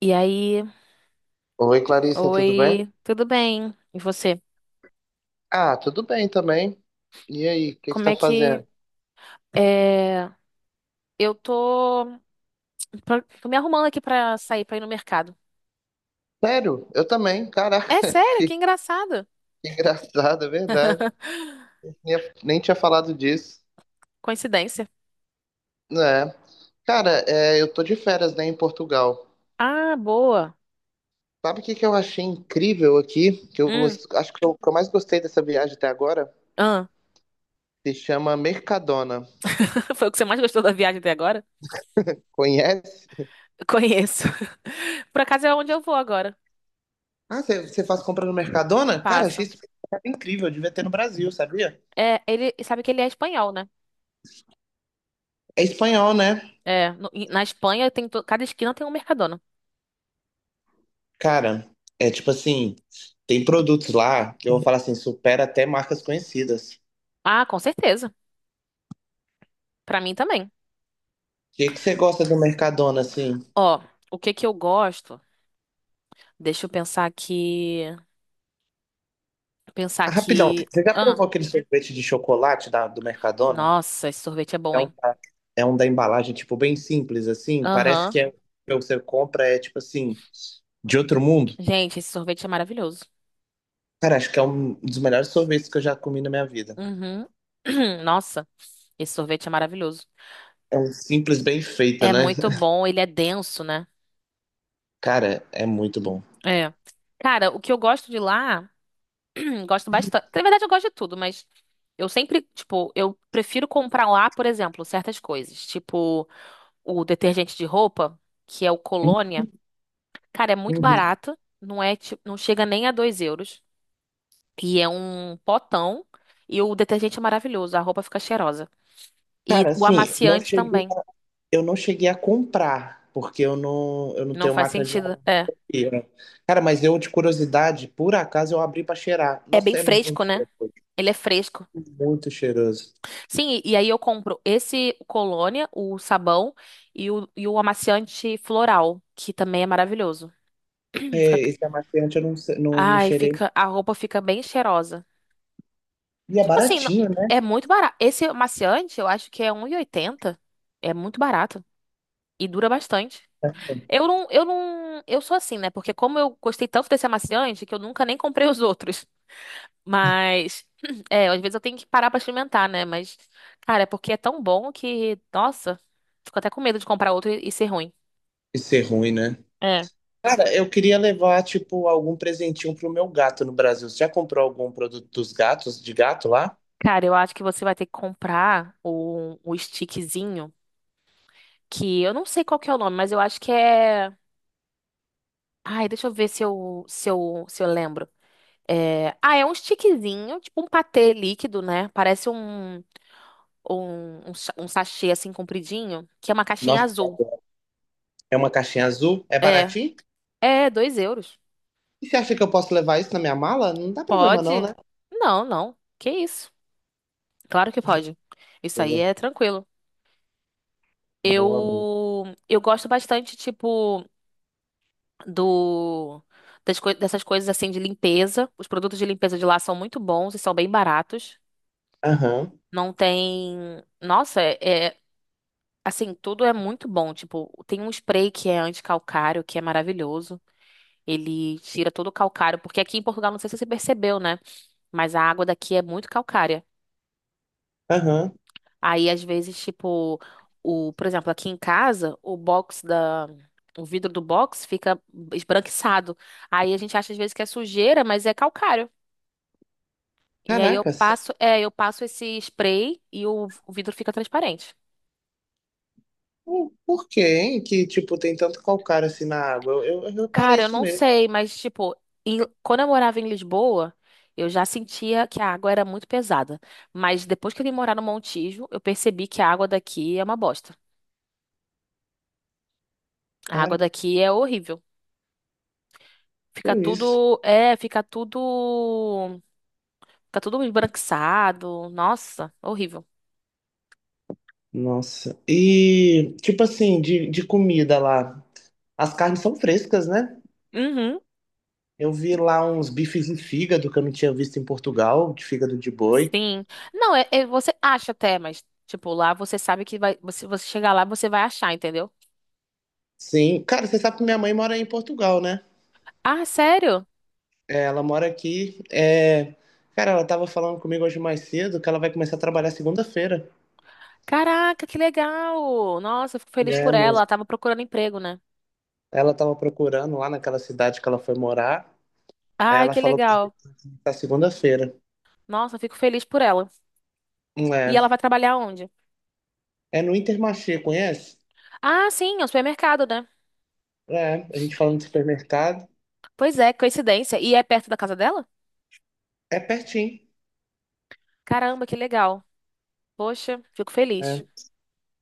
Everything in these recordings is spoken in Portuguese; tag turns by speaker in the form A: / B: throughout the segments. A: E aí,
B: Oi, Clarissa, tudo bem?
A: oi, tudo bem? E você?
B: Ah, tudo bem também. E aí, o que você
A: Como
B: tá
A: é que
B: fazendo?
A: é... Eu tô, tô me arrumando aqui pra sair pra ir no mercado.
B: Sério? Eu também, caraca,
A: É sério?
B: que,
A: Que engraçado.
B: que engraçado, é verdade. Nem, nem tinha falado disso,
A: Coincidência.
B: né? Cara, é, eu tô de férias, né, em Portugal.
A: Ah, boa.
B: Sabe o que eu achei incrível aqui?
A: Hum,
B: Acho que eu mais gostei dessa viagem até agora?
A: ah.
B: Se chama Mercadona.
A: Foi o que você mais gostou da viagem até agora?
B: Conhece?
A: Conheço. Por acaso é onde eu vou agora.
B: Ah, você faz compra no Mercadona? Cara, achei
A: Passo.
B: isso incrível, devia ter no Brasil, sabia?
A: É, ele sabe que ele é espanhol, né?
B: É espanhol, né?
A: É, e na Espanha cada esquina tem um Mercadona.
B: Cara, é tipo assim, tem produtos lá que eu vou falar assim, supera até marcas conhecidas. O
A: Ah, com certeza. Pra mim também.
B: que você gosta do Mercadona, assim?
A: Ó, o que que eu gosto? Deixa eu pensar aqui. Pensar
B: Ah, rapidão,
A: aqui.
B: você já
A: Ah,
B: provou aquele sorvete de chocolate do Mercadona?
A: nossa, esse sorvete é bom,
B: É
A: hein?
B: é um da embalagem, tipo, bem simples, assim. Parece
A: Aham.
B: que é, que você compra é, tipo assim, de outro mundo.
A: Gente, esse sorvete é maravilhoso.
B: Cara, acho que é um dos melhores sorvetes que eu já comi na minha vida.
A: Uhum. Nossa, esse sorvete é maravilhoso.
B: É um simples, bem feito,
A: É
B: né?
A: muito bom, ele é denso, né?
B: Cara, é muito bom.
A: É. Cara, o que eu gosto de lá, gosto bastante. Na verdade, eu gosto de tudo, mas eu sempre, tipo, eu prefiro comprar lá, por exemplo, certas coisas. Tipo, o detergente de roupa, que é o Colônia. Cara, é muito
B: Uhum.
A: barato. Não é, tipo, não chega nem a 2 euros. E é um potão. E o detergente é maravilhoso, a roupa fica cheirosa. E
B: Cara,
A: o
B: assim, eu não
A: amaciante
B: cheguei.
A: também.
B: Eu não cheguei a comprar, porque eu não
A: Não
B: tenho
A: faz
B: máquina de lavar
A: sentido. É.
B: roupa. Cara, mas eu, de curiosidade, por acaso eu abri pra cheirar.
A: É bem
B: Nossa, é muito
A: fresco, né?
B: cheiroso,
A: Ele é fresco.
B: muito cheiroso.
A: Sim, e aí eu compro esse Colônia, o sabão e o amaciante floral, que também é maravilhoso. Fica-
B: É, esse amaciante eu não, se- não, não
A: ai,
B: cheirei.
A: fica, a roupa fica bem cheirosa.
B: E é
A: Tipo assim,
B: baratinho, né?
A: é muito barato. Esse amaciante, eu acho que é 1,80. É muito barato e dura bastante. Eu não, eu não, eu sou assim, né? Porque como eu gostei tanto desse amaciante que eu nunca nem comprei os outros. Mas, é, às vezes eu tenho que parar pra experimentar, né? Mas, cara, é porque é tão bom que, nossa, fico até com medo de comprar outro e ser ruim.
B: Isso é ruim, né?
A: É.
B: Cara, eu queria levar, tipo, algum presentinho pro meu gato no Brasil. Você já comprou algum produto de gato lá?
A: Cara, eu acho que você vai ter que comprar o stickzinho, que eu não sei qual que é o nome, mas eu acho que é. Ai, deixa eu ver se eu lembro. É... Ah, é um stickzinho, tipo um patê líquido, né? Parece um. Ou um sachê assim compridinho, que é uma caixinha
B: Nossa,
A: azul.
B: é uma caixinha azul, é
A: É,
B: baratinho?
A: é, 2 euros.
B: E você acha que eu posso levar isso na minha mala? Não dá problema não,
A: Pode?
B: né?
A: Não, não. Que isso? Claro que pode. Isso aí
B: Boa,
A: é tranquilo.
B: boa, boa.
A: Eu gosto bastante tipo do dessas coisas assim de limpeza. Os produtos de limpeza de lá são muito bons e são bem baratos.
B: Aham,
A: Não tem, nossa, é- assim, tudo é muito bom, tipo, tem um spray que é anticalcário, que é maravilhoso. Ele tira todo o calcário, porque aqui em Portugal, não sei se você percebeu, né? Mas a água daqui é muito calcária.
B: aham.
A: Aí, às vezes, tipo, o, por exemplo, aqui em casa, o vidro do box fica esbranquiçado. Aí a gente acha às vezes que é sujeira, mas é calcário. E aí eu
B: Caracas.
A: passo esse spray e o vidro fica transparente.
B: Por quê, hein? Que, tipo, tem tanto calcário assim na água. Eu reparei
A: Cara, eu
B: isso
A: não
B: mesmo.
A: sei, mas tipo, quando eu morava em Lisboa, eu já sentia que a água era muito pesada. Mas depois que eu vim morar no Montijo, eu percebi que a água daqui é uma bosta. A água
B: Cara,
A: daqui é horrível.
B: que
A: Fica
B: isso.
A: tudo, é, fica tudo esbranquiçado. Nossa, horrível.
B: Nossa. E, tipo assim, de comida lá. As carnes são frescas, né?
A: Uhum,
B: Eu vi lá uns bifes de fígado que eu não tinha visto em Portugal, de fígado de boi.
A: sim. Não, você acha até, mas tipo, lá você sabe que vai, você chegar lá, você vai achar, entendeu?
B: Sim. Cara, você sabe que minha mãe mora em Portugal, né?
A: Ah, sério?
B: É, ela mora aqui. É... Cara, ela tava falando comigo hoje mais cedo que ela vai começar a trabalhar segunda-feira,
A: Caraca, que legal! Nossa, eu fico feliz por
B: né?
A: ela. Ela tava procurando emprego, né?
B: Ela tava procurando lá naquela cidade que ela foi morar. Aí
A: Ai,
B: ela
A: que
B: falou pra mim
A: legal.
B: que tá segunda-feira.
A: Nossa, eu fico feliz por ela. E
B: É,
A: ela vai trabalhar onde?
B: é no Intermarché, conhece?
A: Ah, sim, é um supermercado, né?
B: É, a gente falando de supermercado.
A: Pois é, coincidência. E é perto da casa dela?
B: É pertinho.
A: Caramba, que legal. Poxa, fico feliz.
B: É,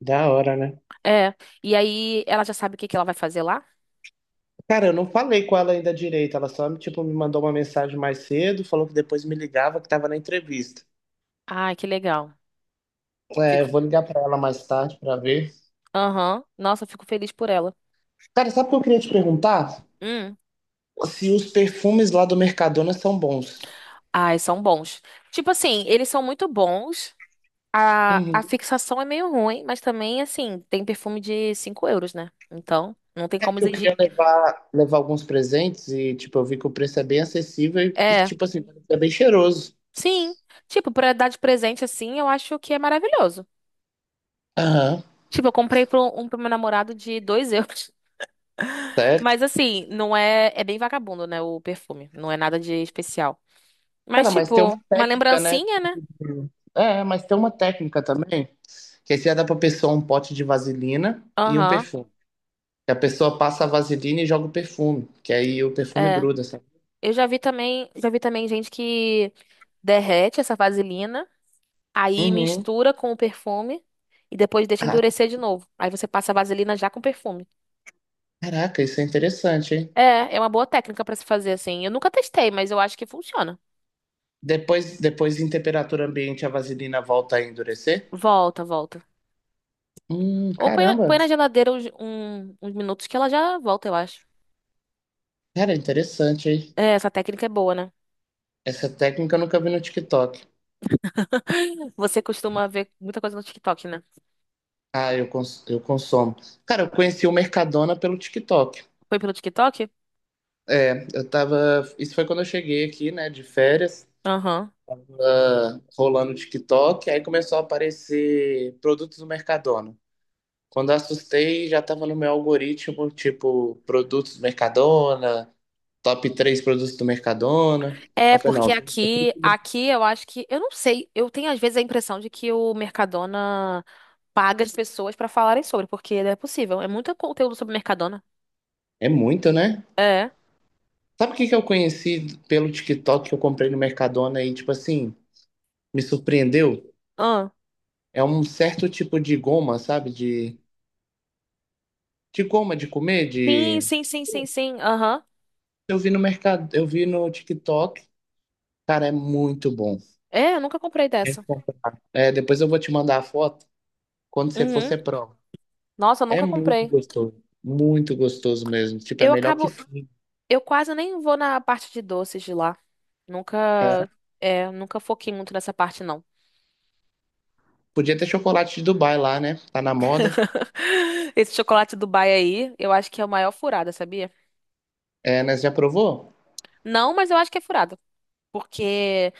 B: da hora, né?
A: É. E aí, ela já sabe o que que ela vai fazer lá?
B: Cara, eu não falei com ela ainda direito. Ela só, tipo, me mandou uma mensagem mais cedo, falou que depois me ligava, que tava na entrevista.
A: Ai, que legal.
B: É, eu
A: Fico.
B: vou ligar pra ela mais tarde pra ver.
A: Aham. Nossa, eu fico feliz por ela.
B: Cara, sabe o que eu queria te perguntar?
A: Hum.
B: Se os perfumes lá do Mercadona são bons.
A: Ai, são bons. Tipo assim, eles são muito bons. A
B: Uhum.
A: fixação é meio ruim, mas também, assim, tem perfume de 5 euros, né? Então, não tem como
B: Eu
A: exigir.
B: queria levar alguns presentes e, tipo, eu vi que o preço é bem acessível e,
A: É,
B: tipo assim, é bem cheiroso.
A: sim. Tipo, pra dar de presente, assim, eu acho que é maravilhoso.
B: Aham,
A: Tipo, eu comprei pro, um pro meu namorado de 2 euros.
B: sério?
A: Mas, assim, não é... É bem vagabundo, né, o perfume. Não é nada de especial.
B: Cara,
A: Mas,
B: mas tem uma
A: tipo, uma
B: técnica, né?
A: lembrancinha, né?
B: É, mas tem uma técnica também, que aí você dá pra pessoa um pote de vaselina e um
A: Aham,
B: perfume. Que a pessoa passa a vaselina e joga o perfume, que aí o perfume
A: é.
B: gruda, sabe?
A: Eu já vi também... Já vi também gente que derrete essa vaselina, aí
B: Uhum.
A: mistura com o perfume e depois deixa
B: Ah,
A: endurecer de novo. Aí você passa a vaselina já com perfume.
B: caraca, isso é interessante, hein?
A: É, é uma boa técnica pra se fazer assim. Eu nunca testei, mas eu acho que funciona.
B: Depois em temperatura ambiente, a vaselina volta a endurecer?
A: Volta, volta. Ou põe, na-
B: Caramba.
A: põe na geladeira uns minutos que ela já volta, eu acho.
B: Cara, é interessante, hein?
A: É, essa técnica é boa, né?
B: Essa técnica eu nunca vi no TikTok.
A: Você costuma ver muita coisa no TikTok, né?
B: Ah, eu consumo. Cara, eu conheci o Mercadona pelo TikTok.
A: Foi pelo TikTok?
B: É, eu tava. Isso foi quando eu cheguei aqui, né, de férias,
A: Aham.
B: tava rolando o TikTok, aí começou a aparecer produtos do Mercadona. Quando eu assustei, já tava no meu algoritmo, tipo, produtos do Mercadona, top 3 produtos do Mercadona. Aí
A: É,
B: eu falei, não,
A: porque
B: eu tenho
A: aqui,
B: que-
A: aqui eu acho que, eu não sei, eu tenho às vezes a impressão de que o Mercadona paga as pessoas pra falarem sobre, porque não é possível. É muito conteúdo sobre Mercadona.
B: é muito, né?
A: É.
B: Sabe o que eu conheci pelo TikTok que eu comprei no Mercadona e, tipo assim, me surpreendeu?
A: Ah.
B: É um certo tipo de goma, sabe? De goma de comer,
A: Sim,
B: de.
A: sim, sim, sim, sim. Aham.
B: Eu vi no TikTok. Cara, é muito bom.
A: É, eu nunca comprei
B: É
A: dessa.
B: É, depois eu vou te mandar a foto. Quando você for, você
A: Uhum.
B: prova.
A: Nossa, eu
B: É
A: nunca
B: muito
A: comprei.
B: gostoso. Muito gostoso mesmo. Tipo, é
A: Eu
B: melhor que.
A: acabo.
B: F-
A: Eu quase nem vou na parte de doces de lá. Nunca.
B: É.
A: É, nunca foquei muito nessa parte, não.
B: Podia ter chocolate de Dubai lá, né? Tá na moda.
A: Esse chocolate Dubai aí, eu acho que é o maior furada, sabia?
B: É, né? Você já provou?
A: Não, mas eu acho que é furada. Porque,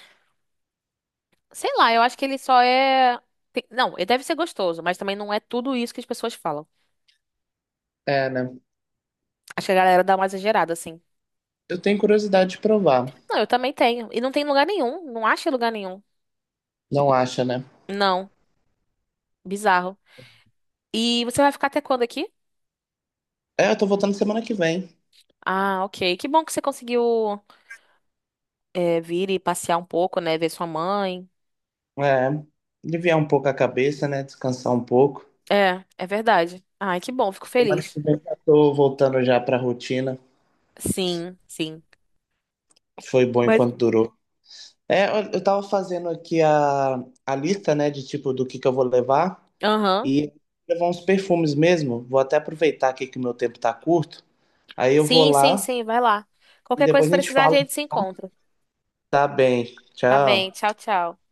A: sei lá, eu acho que ele só é. Não, ele deve ser gostoso, mas também não é tudo isso que as pessoas falam.
B: É, né?
A: Acho que a galera dá uma exagerada, assim.
B: Eu tenho curiosidade de provar.
A: Não, eu também tenho. E não tem lugar nenhum. Não acha em lugar nenhum.
B: Não acha, né?
A: Não. Bizarro. E você vai ficar até quando aqui?
B: É, eu tô voltando semana que vem.
A: Ah, ok. Que bom que você conseguiu vir e passear um pouco, né? Ver sua mãe.
B: É. Aliviar um pouco a cabeça, né? Descansar um pouco.
A: É, é verdade. Ai, que bom. Fico
B: Semana
A: feliz.
B: que vem já tô voltando já pra rotina.
A: Sim, sim.
B: Foi bom
A: Mas.
B: enquanto durou. É, eu tava fazendo aqui a lista, né, de tipo do que eu vou levar
A: Aham.
B: e levar uns perfumes mesmo. Vou até aproveitar aqui que o meu tempo tá curto. Aí eu vou
A: Sim, sim,
B: lá
A: sim. Vai lá.
B: e
A: Qualquer coisa que
B: depois a gente
A: precisar, a
B: fala.
A: gente se
B: Tá
A: encontra.
B: Tá bem.
A: Tá bem.
B: Tchau.
A: Tchau, tchau.